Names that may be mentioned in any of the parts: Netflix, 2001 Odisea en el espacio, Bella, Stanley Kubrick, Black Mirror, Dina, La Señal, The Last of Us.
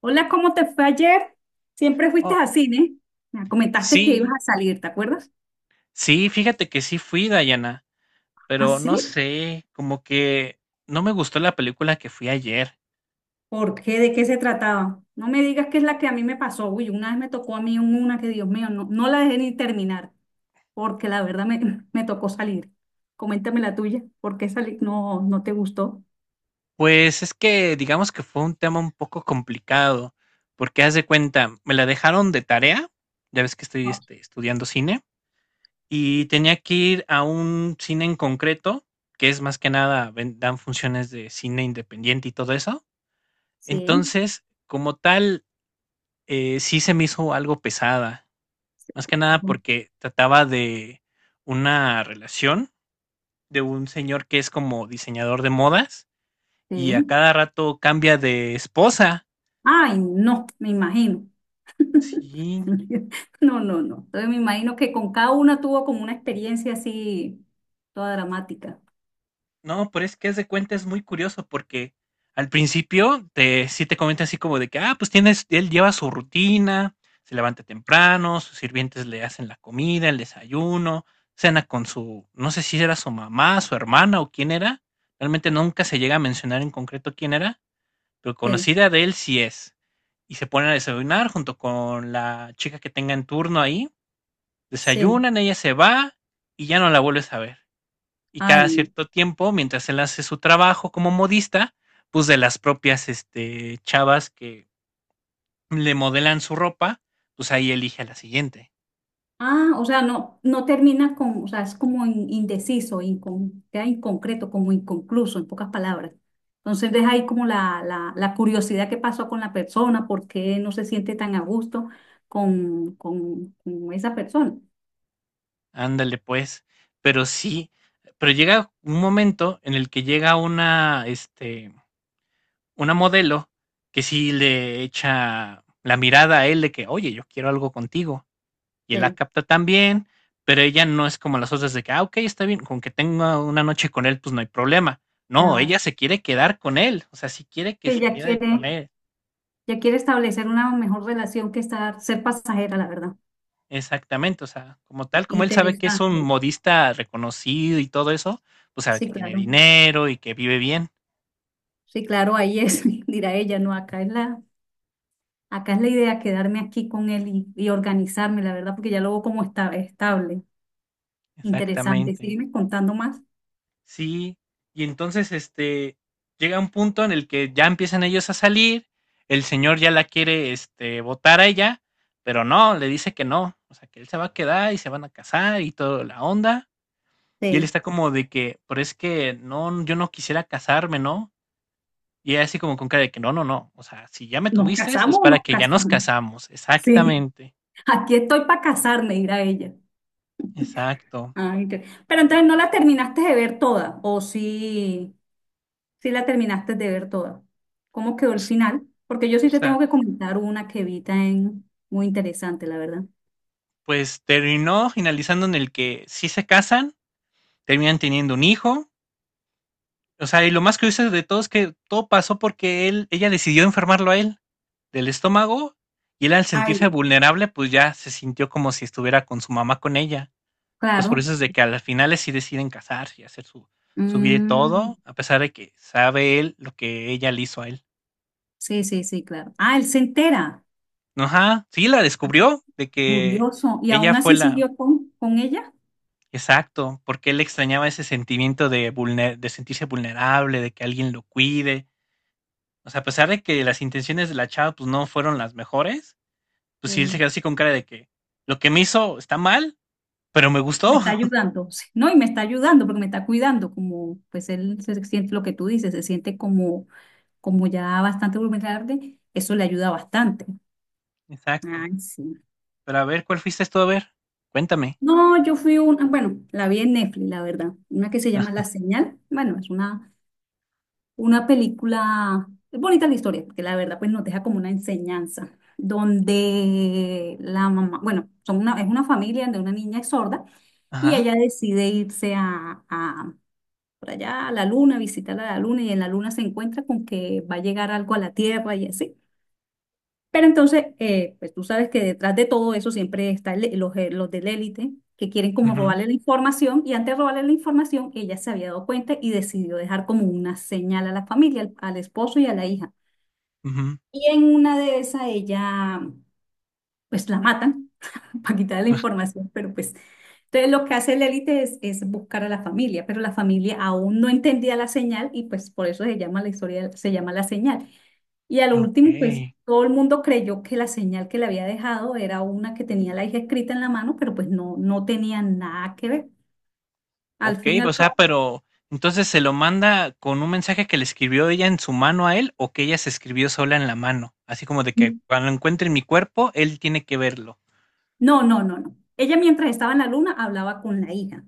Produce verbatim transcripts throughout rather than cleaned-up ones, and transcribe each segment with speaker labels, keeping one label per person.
Speaker 1: Hola, ¿cómo te fue ayer? Siempre fuiste
Speaker 2: Oh,
Speaker 1: a cine. Me comentaste que ibas
Speaker 2: sí,
Speaker 1: a salir, ¿te acuerdas?
Speaker 2: sí, fíjate que sí fui, Dayana,
Speaker 1: ¿Ah,
Speaker 2: pero no
Speaker 1: sí?
Speaker 2: sé, como que no me gustó la película que fui ayer.
Speaker 1: ¿Por qué? ¿De qué se trataba? No me digas que es la que a mí me pasó. Uy, una vez me tocó a mí una que, Dios mío, no, no la dejé ni terminar, porque la verdad me, me tocó salir. Coméntame la tuya. ¿Por qué salir? No, no te gustó.
Speaker 2: Pues es que digamos que fue un tema un poco complicado, porque haz de cuenta, me la dejaron de tarea, ya ves que estoy
Speaker 1: Ah.
Speaker 2: este, estudiando cine, y tenía que ir a un cine en concreto, que es más que nada, ven- dan funciones de cine independiente y todo eso.
Speaker 1: Sí,
Speaker 2: Entonces, como tal, eh, sí se me hizo algo pesada.
Speaker 1: sí,
Speaker 2: Más que nada
Speaker 1: claro,
Speaker 2: porque trataba de una relación de un señor que es como diseñador de modas y a
Speaker 1: sí.
Speaker 2: cada rato cambia de esposa.
Speaker 1: Ay, no, me imagino.
Speaker 2: Sí,
Speaker 1: No, no, no. Entonces me imagino que con cada una tuvo como una experiencia así, toda dramática.
Speaker 2: no, pero es que haz de cuenta es muy curioso porque al principio te, sí te comenta así como de que, ah, pues tienes, él lleva su rutina, se levanta temprano, sus sirvientes le hacen la comida, el desayuno, cena con su, no sé si era su mamá, su hermana o quién era, realmente nunca se llega a mencionar en concreto quién era, pero
Speaker 1: Sí,
Speaker 2: conocida de él sí es. Y se ponen a desayunar junto con la chica que tenga en turno ahí.
Speaker 1: sí,
Speaker 2: Desayunan, ella se va y ya no la vuelves a ver. Y
Speaker 1: ay
Speaker 2: cada
Speaker 1: no.
Speaker 2: cierto tiempo, mientras él hace su trabajo como modista, pues de las propias este, chavas que le modelan su ropa, pues ahí elige a la siguiente.
Speaker 1: Ah, o sea, no, no termina con, o sea, es como in- indeciso, incon- queda inconcreto, como inconcluso, en pocas palabras. Entonces deja ahí como la, la, la curiosidad que pasó con la persona, por qué no se siente tan a gusto con, con, con esa persona.
Speaker 2: Ándale pues. Pero sí, pero llega un momento en el que llega una, este, una modelo que sí le echa la mirada a él de que, oye, yo quiero algo contigo. Y él la
Speaker 1: Sí,
Speaker 2: capta también, pero ella no es como las otras de que, ah, ok, está bien, con que tenga una noche con él, pues no hay problema.
Speaker 1: ya
Speaker 2: No,
Speaker 1: va.
Speaker 2: ella se quiere quedar con él, o sea, sí quiere que
Speaker 1: Sí,
Speaker 2: se
Speaker 1: ya
Speaker 2: quede con
Speaker 1: quiere,
Speaker 2: él,
Speaker 1: ya quiere establecer una mejor relación que estar, ser pasajera, la verdad.
Speaker 2: exactamente, o sea, como tal, como él sabe que es un
Speaker 1: Interesante.
Speaker 2: modista reconocido y todo eso, pues sabe que
Speaker 1: Sí,
Speaker 2: tiene
Speaker 1: claro.
Speaker 2: dinero y que vive bien,
Speaker 1: Sí, claro, ahí es, dirá ella, no, acá es la. Acá es la idea quedarme aquí con él y, y organizarme, la verdad, porque ya lo veo como está, estable. Interesante.
Speaker 2: exactamente.
Speaker 1: Sígueme contando más.
Speaker 2: Sí, y entonces, este, llega un punto en el que ya empiezan ellos a salir, el señor ya la quiere, este, botar a ella, pero no, le dice que no, o sea, que él se va a quedar y se van a casar y toda la onda, y él
Speaker 1: Sí.
Speaker 2: está como de que, pero es que no, yo no quisiera casarme, ¿no? Y ella así como con cara de que no, no, no, o sea, si ya me
Speaker 1: ¿Nos
Speaker 2: tuviste es
Speaker 1: casamos o
Speaker 2: para
Speaker 1: nos
Speaker 2: que ya nos
Speaker 1: casamos?
Speaker 2: casamos,
Speaker 1: Sí.
Speaker 2: exactamente,
Speaker 1: Aquí estoy para casarme, dirá ella.
Speaker 2: exacto.
Speaker 1: Ah, inter- Pero entonces no la terminaste de ver toda, o sí, sí la terminaste de ver toda. ¿Cómo quedó
Speaker 2: O
Speaker 1: el
Speaker 2: s-
Speaker 1: final? Porque yo
Speaker 2: o
Speaker 1: sí te tengo
Speaker 2: sea,
Speaker 1: que comentar una que vi en muy interesante, la verdad.
Speaker 2: pues terminó finalizando en el que sí se casan, terminan teniendo un hijo. O sea, y lo más curioso de todo es que todo pasó porque él, ella decidió enfermarlo a él del estómago y él al sentirse
Speaker 1: Ay.
Speaker 2: vulnerable, pues ya se sintió como si estuviera con su mamá con ella. Entonces por
Speaker 1: Claro.
Speaker 2: eso es de que a las finales sí deciden casarse y hacer su, su vida y
Speaker 1: Mm,
Speaker 2: todo, a pesar de que sabe él lo que ella le hizo a él.
Speaker 1: sí, sí, sí, claro. Ah, él se entera.
Speaker 2: Ajá, sí, la descubrió de que
Speaker 1: Curioso. Y
Speaker 2: ella
Speaker 1: aún
Speaker 2: fue
Speaker 1: así
Speaker 2: la...
Speaker 1: siguió con, con ella.
Speaker 2: Exacto, porque él extrañaba ese sentimiento de, vulner- de sentirse vulnerable, de que alguien lo cuide. O sea, a pesar de que las intenciones de la chava pues no fueron las mejores, pues sí él se
Speaker 1: eh,
Speaker 2: quedó así con cara de que lo que me hizo está mal, pero me
Speaker 1: Me
Speaker 2: gustó.
Speaker 1: está ayudando, sí, ¿no? Y me está ayudando porque me está cuidando, como pues él se siente lo que tú dices, se siente como, como ya bastante vulnerable. Eso le ayuda bastante.
Speaker 2: Exacto.
Speaker 1: Ay, sí.
Speaker 2: Pero a ver, ¿cuál fuiste tú a ver? Cuéntame.
Speaker 1: No, yo fui una, bueno, la vi en Netflix, la verdad. Una que se
Speaker 2: Ah,
Speaker 1: llama La Señal. Bueno, es una. Una película, es bonita la historia, que la verdad pues nos deja como una enseñanza, donde la mamá, bueno, son una, es una familia de una niña sorda y
Speaker 2: ajá,
Speaker 1: ella decide irse a, a- por allá a la luna, visitar a la luna y en la luna se encuentra con que va a llegar algo a la Tierra y así. Pero entonces, eh, pues tú sabes que detrás de todo eso siempre están los, eh, los del la élite que quieren como
Speaker 2: ujú,
Speaker 1: robarle la información y antes de robarle la información, ella se había dado cuenta y decidió dejar como una señal a la familia, al, al esposo y a la hija.
Speaker 2: ujú,
Speaker 1: Y en una de esas ella, pues la matan para quitarle la
Speaker 2: ah,
Speaker 1: información, pero pues... Entonces lo que hace el élite es, es buscar a la familia, pero la familia aún no entendía la señal y pues por eso se llama la historia, se llama la señal. Y a lo último, pues
Speaker 2: ok.
Speaker 1: todo el mundo creyó que la señal que le había dejado era una que tenía la hija escrita en la mano, pero pues no, no tenía nada que ver. Al
Speaker 2: Ok,
Speaker 1: fin y
Speaker 2: o
Speaker 1: al
Speaker 2: sea,
Speaker 1: cabo,
Speaker 2: pero entonces se lo manda con un mensaje que le escribió ella en su mano a él o que ella se escribió sola en la mano. Así como de que
Speaker 1: n-
Speaker 2: cuando encuentre mi cuerpo, él tiene que verlo.
Speaker 1: no, no, no, no. Ella mientras estaba en la luna hablaba con la hija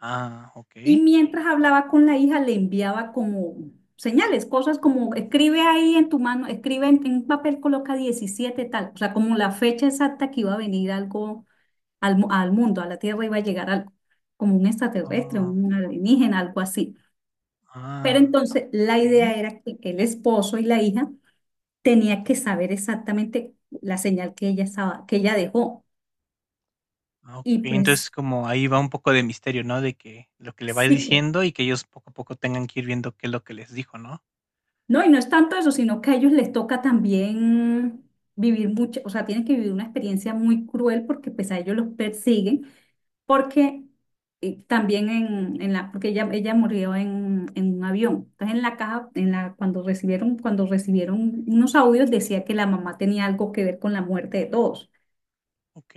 Speaker 2: Ah, ok.
Speaker 1: y mientras hablaba con la hija le enviaba como señales, cosas como escribe ahí en tu mano, escribe en, en un papel, coloca diecisiete tal, o sea, como la fecha exacta que iba a venir algo al, mu- al mundo, a la Tierra iba a llegar algo, como un extraterrestre,
Speaker 2: Ah,
Speaker 1: un alienígena, algo así. Pero
Speaker 2: ah,
Speaker 1: entonces la
Speaker 2: ok.
Speaker 1: idea era que el esposo y la hija tenía que saber exactamente la señal que ella estaba, que ella dejó.
Speaker 2: Ah,
Speaker 1: Y
Speaker 2: okey, entonces,
Speaker 1: pues
Speaker 2: como ahí va un poco de misterio, ¿no? De que lo que le va
Speaker 1: sí, que-
Speaker 2: diciendo y que ellos poco a poco tengan que ir viendo qué es lo que les dijo, ¿no?
Speaker 1: no, y no es tanto eso, sino que a ellos les toca también vivir mucho, o sea, tienen que vivir una experiencia muy cruel porque pues a ellos los persiguen, porque eh, también en, en la, porque ella, ella murió en, en un avión. Entonces en la caja, en la, cuando recibieron, cuando recibieron unos audios decía que la mamá tenía algo que ver con la muerte de todos.
Speaker 2: Ok.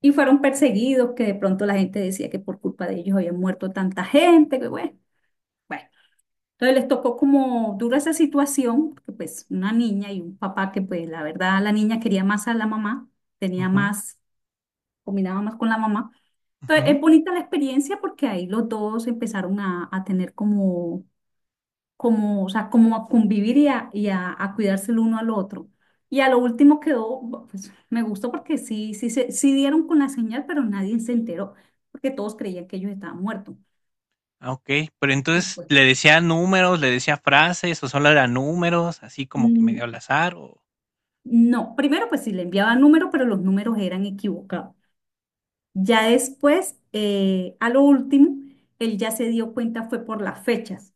Speaker 1: Y fueron perseguidos, que de pronto la gente decía que por culpa de ellos había muerto tanta gente, que bueno, bueno. Entonces les tocó como dura esa situación, porque pues una niña y un papá que pues la verdad la niña quería más a la mamá, tenía
Speaker 2: Ujú,
Speaker 1: más, combinaba más con la mamá. Entonces
Speaker 2: ujú.
Speaker 1: es bonita la experiencia porque ahí los dos empezaron a, a tener como como, o sea, como a convivir y a, y a, a cuidarse el uno al otro. Y a lo último quedó, bu- pues me gustó porque sí, sí, se, sí dieron con la señal, pero nadie se enteró, porque todos creían que ellos estaban muertos.
Speaker 2: Ah, okey. Pero entonces,
Speaker 1: Después,
Speaker 2: ¿le decía números, le decía frases o solo eran números, así como que
Speaker 1: mm,
Speaker 2: medio al azar o?
Speaker 1: no, primero pues sí le enviaba números, pero los números eran equivocados. Ya después, eh, a lo último, él ya se dio cuenta fue por las fechas.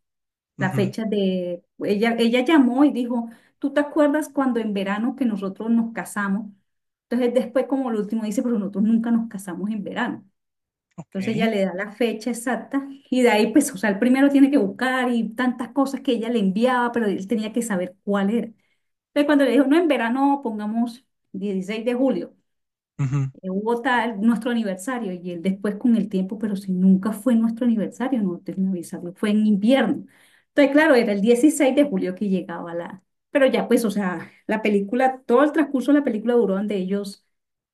Speaker 1: La
Speaker 2: Ujú,
Speaker 1: fecha de, ella, ella llamó y dijo, ¿tú te acuerdas cuando en verano que nosotros nos casamos? Entonces después como lo último dice, pero nosotros nunca nos casamos en verano.
Speaker 2: ok.
Speaker 1: Entonces ella le da la fecha exacta y de ahí pues, o sea, el primero tiene que buscar y tantas cosas que ella le enviaba, pero él tenía que saber cuál era. Entonces cuando le dijo, no, en verano pongamos dieciséis de julio,
Speaker 2: Ujú.
Speaker 1: eh, hubo tal, nuestro aniversario y él después con el tiempo, pero si nunca fue nuestro aniversario, no te avisarlo, fue en invierno. Entonces, claro, era el dieciséis de julio que llegaba la, pero ya pues, o sea, la película, todo el transcurso de la película duró donde ellos,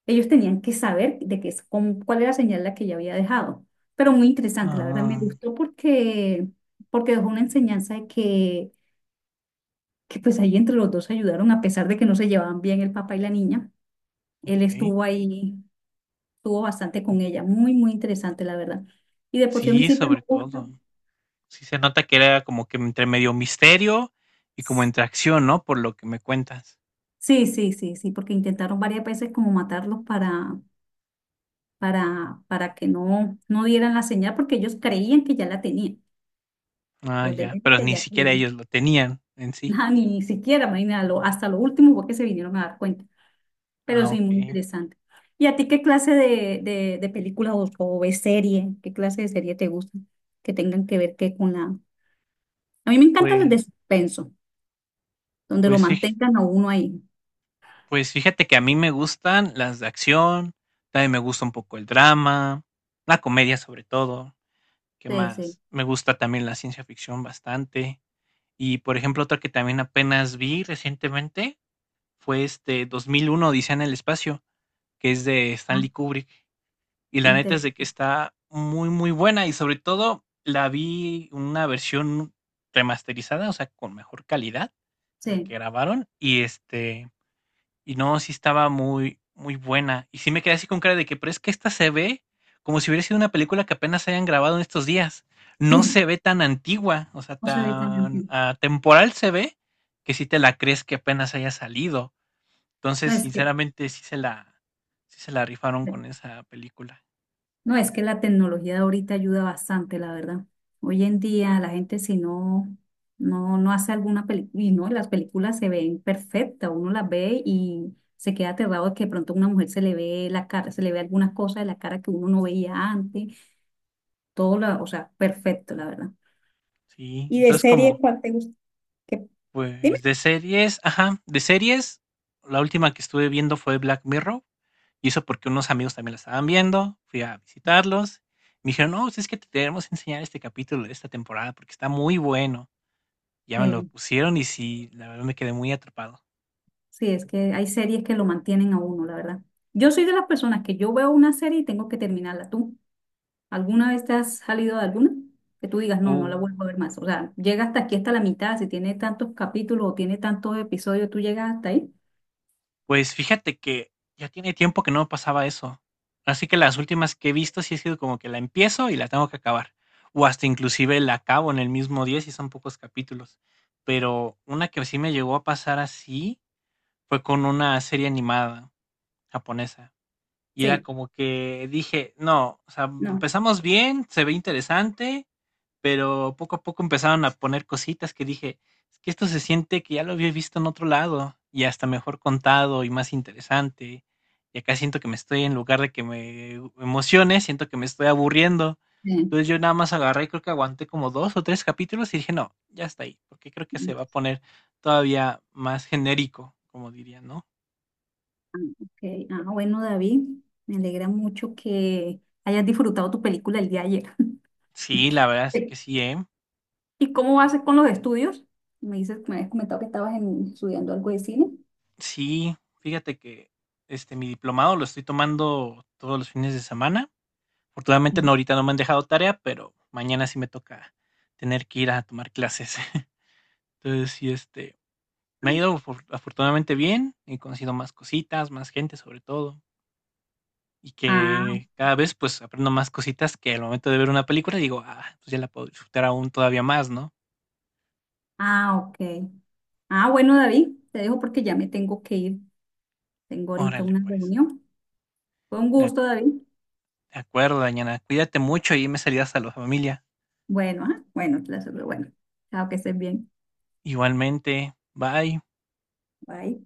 Speaker 1: ellos tenían que saber de qué, es- cómo- cuál era la señal la que ella había dejado. Pero muy interesante, la verdad me
Speaker 2: Ah,
Speaker 1: gustó porque, porque dejó una
Speaker 2: sí,
Speaker 1: enseñanza de que, que pues ahí entre los dos se ayudaron, a pesar de que no se llevaban bien el papá y la niña. Él
Speaker 2: okey.
Speaker 1: estuvo ahí estuvo bastante con ella, muy, muy interesante, la verdad. Y de por sí a mí
Speaker 2: Sí,
Speaker 1: siempre me
Speaker 2: sobre
Speaker 1: gusta.
Speaker 2: todo. Sí se nota que era como que entre medio misterio y como entre acción, ¿no? Por lo que me cuentas.
Speaker 1: Sí, sí, sí, sí, porque intentaron varias veces como matarlos para, para, para que no, no dieran la señal, porque ellos creían que ya la tenían.
Speaker 2: Ah,
Speaker 1: Los de
Speaker 2: ya,
Speaker 1: Lente
Speaker 2: pero ni
Speaker 1: ya
Speaker 2: siquiera
Speaker 1: creían.
Speaker 2: ellos lo tenían en sí.
Speaker 1: Nada, ni siquiera, imagínate, lo- hasta lo último fue que se vinieron a dar cuenta. Pero
Speaker 2: Ah,
Speaker 1: sí, muy
Speaker 2: okey.
Speaker 1: interesante. ¿Y a ti qué clase de, de, de películas o, o de serie, qué clase de serie te gusta? Que tengan que ver que con la... A mí me encantan las
Speaker 2: Pues
Speaker 1: de suspenso, donde lo
Speaker 2: pues fij
Speaker 1: mantengan a uno ahí.
Speaker 2: pues fíjate que a mí me gustan las de acción, también me gusta un poco el drama, la comedia sobre todo, ¿qué
Speaker 1: Sí, sí.
Speaker 2: más? Me gusta también la ciencia ficción bastante. Y, por ejemplo, otra que también apenas vi recientemente fue, este, dos mil uno Odisea en el espacio, que es de
Speaker 1: Ah,
Speaker 2: Stanley Kubrick. Y la neta es
Speaker 1: inter-
Speaker 2: de que está muy, muy buena, y sobre todo la vi una versión remasterizada, o sea, con mejor calidad a la que
Speaker 1: Sí,
Speaker 2: grabaron, y este, y no, sí estaba muy, muy buena. Y sí me quedé así con cara de que, pero es que esta se ve como si hubiera sido una película que apenas hayan grabado en estos días. No se
Speaker 1: sí.
Speaker 2: ve tan antigua, o sea,
Speaker 1: No se ve tan
Speaker 2: tan
Speaker 1: antiguo.
Speaker 2: atemporal se ve que si te la crees que apenas haya salido.
Speaker 1: No
Speaker 2: Entonces,
Speaker 1: es que,
Speaker 2: sinceramente, sí se la, sí se la rifaron con esa película.
Speaker 1: no, es que la tecnología de ahorita ayuda bastante, la verdad. Hoy en día la gente si no, no, no hace alguna película, y no, las películas se ven perfectas, uno las ve y se queda aterrado de que de pronto a una mujer se le ve la cara, se le ve algunas cosas de la cara que uno no veía antes, todo, la, o sea, perfecto, la verdad.
Speaker 2: Sí,
Speaker 1: ¿Y de
Speaker 2: entonces
Speaker 1: serie
Speaker 2: como,
Speaker 1: cuál te gusta? ¿Qué? Dime.
Speaker 2: pues de series, ajá, de series, la última que estuve viendo fue Black Mirror, y eso porque unos amigos también la estaban viendo, fui a visitarlos, me dijeron, no, pues es que te tenemos que enseñar este capítulo de esta temporada porque está muy bueno. Ya me lo
Speaker 1: Sí.
Speaker 2: pusieron y sí, la verdad me quedé muy atrapado.
Speaker 1: Sí, es que hay series que lo mantienen a uno, la verdad. Yo soy de las personas que yo veo una serie y tengo que terminarla. ¿Tú alguna vez te has salido de alguna? Que tú digas, no, no la
Speaker 2: Uh,
Speaker 1: vuelvo a ver más. O sea, llega hasta aquí, hasta la mitad. Si tiene tantos capítulos o tiene tantos episodios, ¿tú llegas hasta ahí?
Speaker 2: Pues fíjate que ya tiene tiempo que no me pasaba eso. Así que las últimas que he visto sí ha sido como que la empiezo y la tengo que acabar. O hasta inclusive la acabo en el mismo día si son pocos capítulos. Pero una que sí me llegó a pasar así fue con una serie animada japonesa. Y era
Speaker 1: Sí,
Speaker 2: como que dije, no, o sea,
Speaker 1: no.
Speaker 2: empezamos bien, se ve interesante, pero poco a poco empezaron a poner cositas que dije, es que esto se siente que ya lo había visto en otro lado y hasta mejor contado y más interesante. Y acá siento que me estoy, en lugar de que me emocione, siento que me estoy aburriendo.
Speaker 1: Sí.
Speaker 2: Entonces yo nada más agarré y creo que aguanté como dos o tres capítulos y dije, no, ya está ahí, porque creo que se va a poner todavía más genérico, como diría, ¿no?
Speaker 1: Ah, ok. Ah, bueno, David, me alegra mucho que hayas disfrutado tu película el día de ayer.
Speaker 2: Sí, la verdad es
Speaker 1: Sí.
Speaker 2: que sí, ¿eh?
Speaker 1: ¿Y cómo vas con los estudios? Me dices, me habías comentado que estabas en- estudiando algo de cine.
Speaker 2: Sí, fíjate que este, mi diplomado lo estoy tomando todos los fines de semana. Afortunadamente no,
Speaker 1: Sí.
Speaker 2: ahorita no me han dejado tarea, pero mañana sí me toca tener que ir a tomar clases. Entonces, sí, este, me ha ido afor- afortunadamente bien, he conocido más cositas, más gente sobre todo, y
Speaker 1: Ah,
Speaker 2: que cada vez pues aprendo más cositas que al momento de ver una película digo, ah, pues ya la puedo disfrutar aún todavía más, ¿no?
Speaker 1: ah, ok. Ah, bueno, David, te dejo porque ya me tengo que ir. Tengo ahorita
Speaker 2: Órale,
Speaker 1: una
Speaker 2: pues.
Speaker 1: reunión. Fue un
Speaker 2: De ac-
Speaker 1: gusto, David.
Speaker 2: de acuerdo, Dañana, cuídate mucho y me saludas a la familia.
Speaker 1: Bueno, ah, bueno, te la- bueno. Chao, que estés bien.
Speaker 2: Igualmente, bye.
Speaker 1: Bye.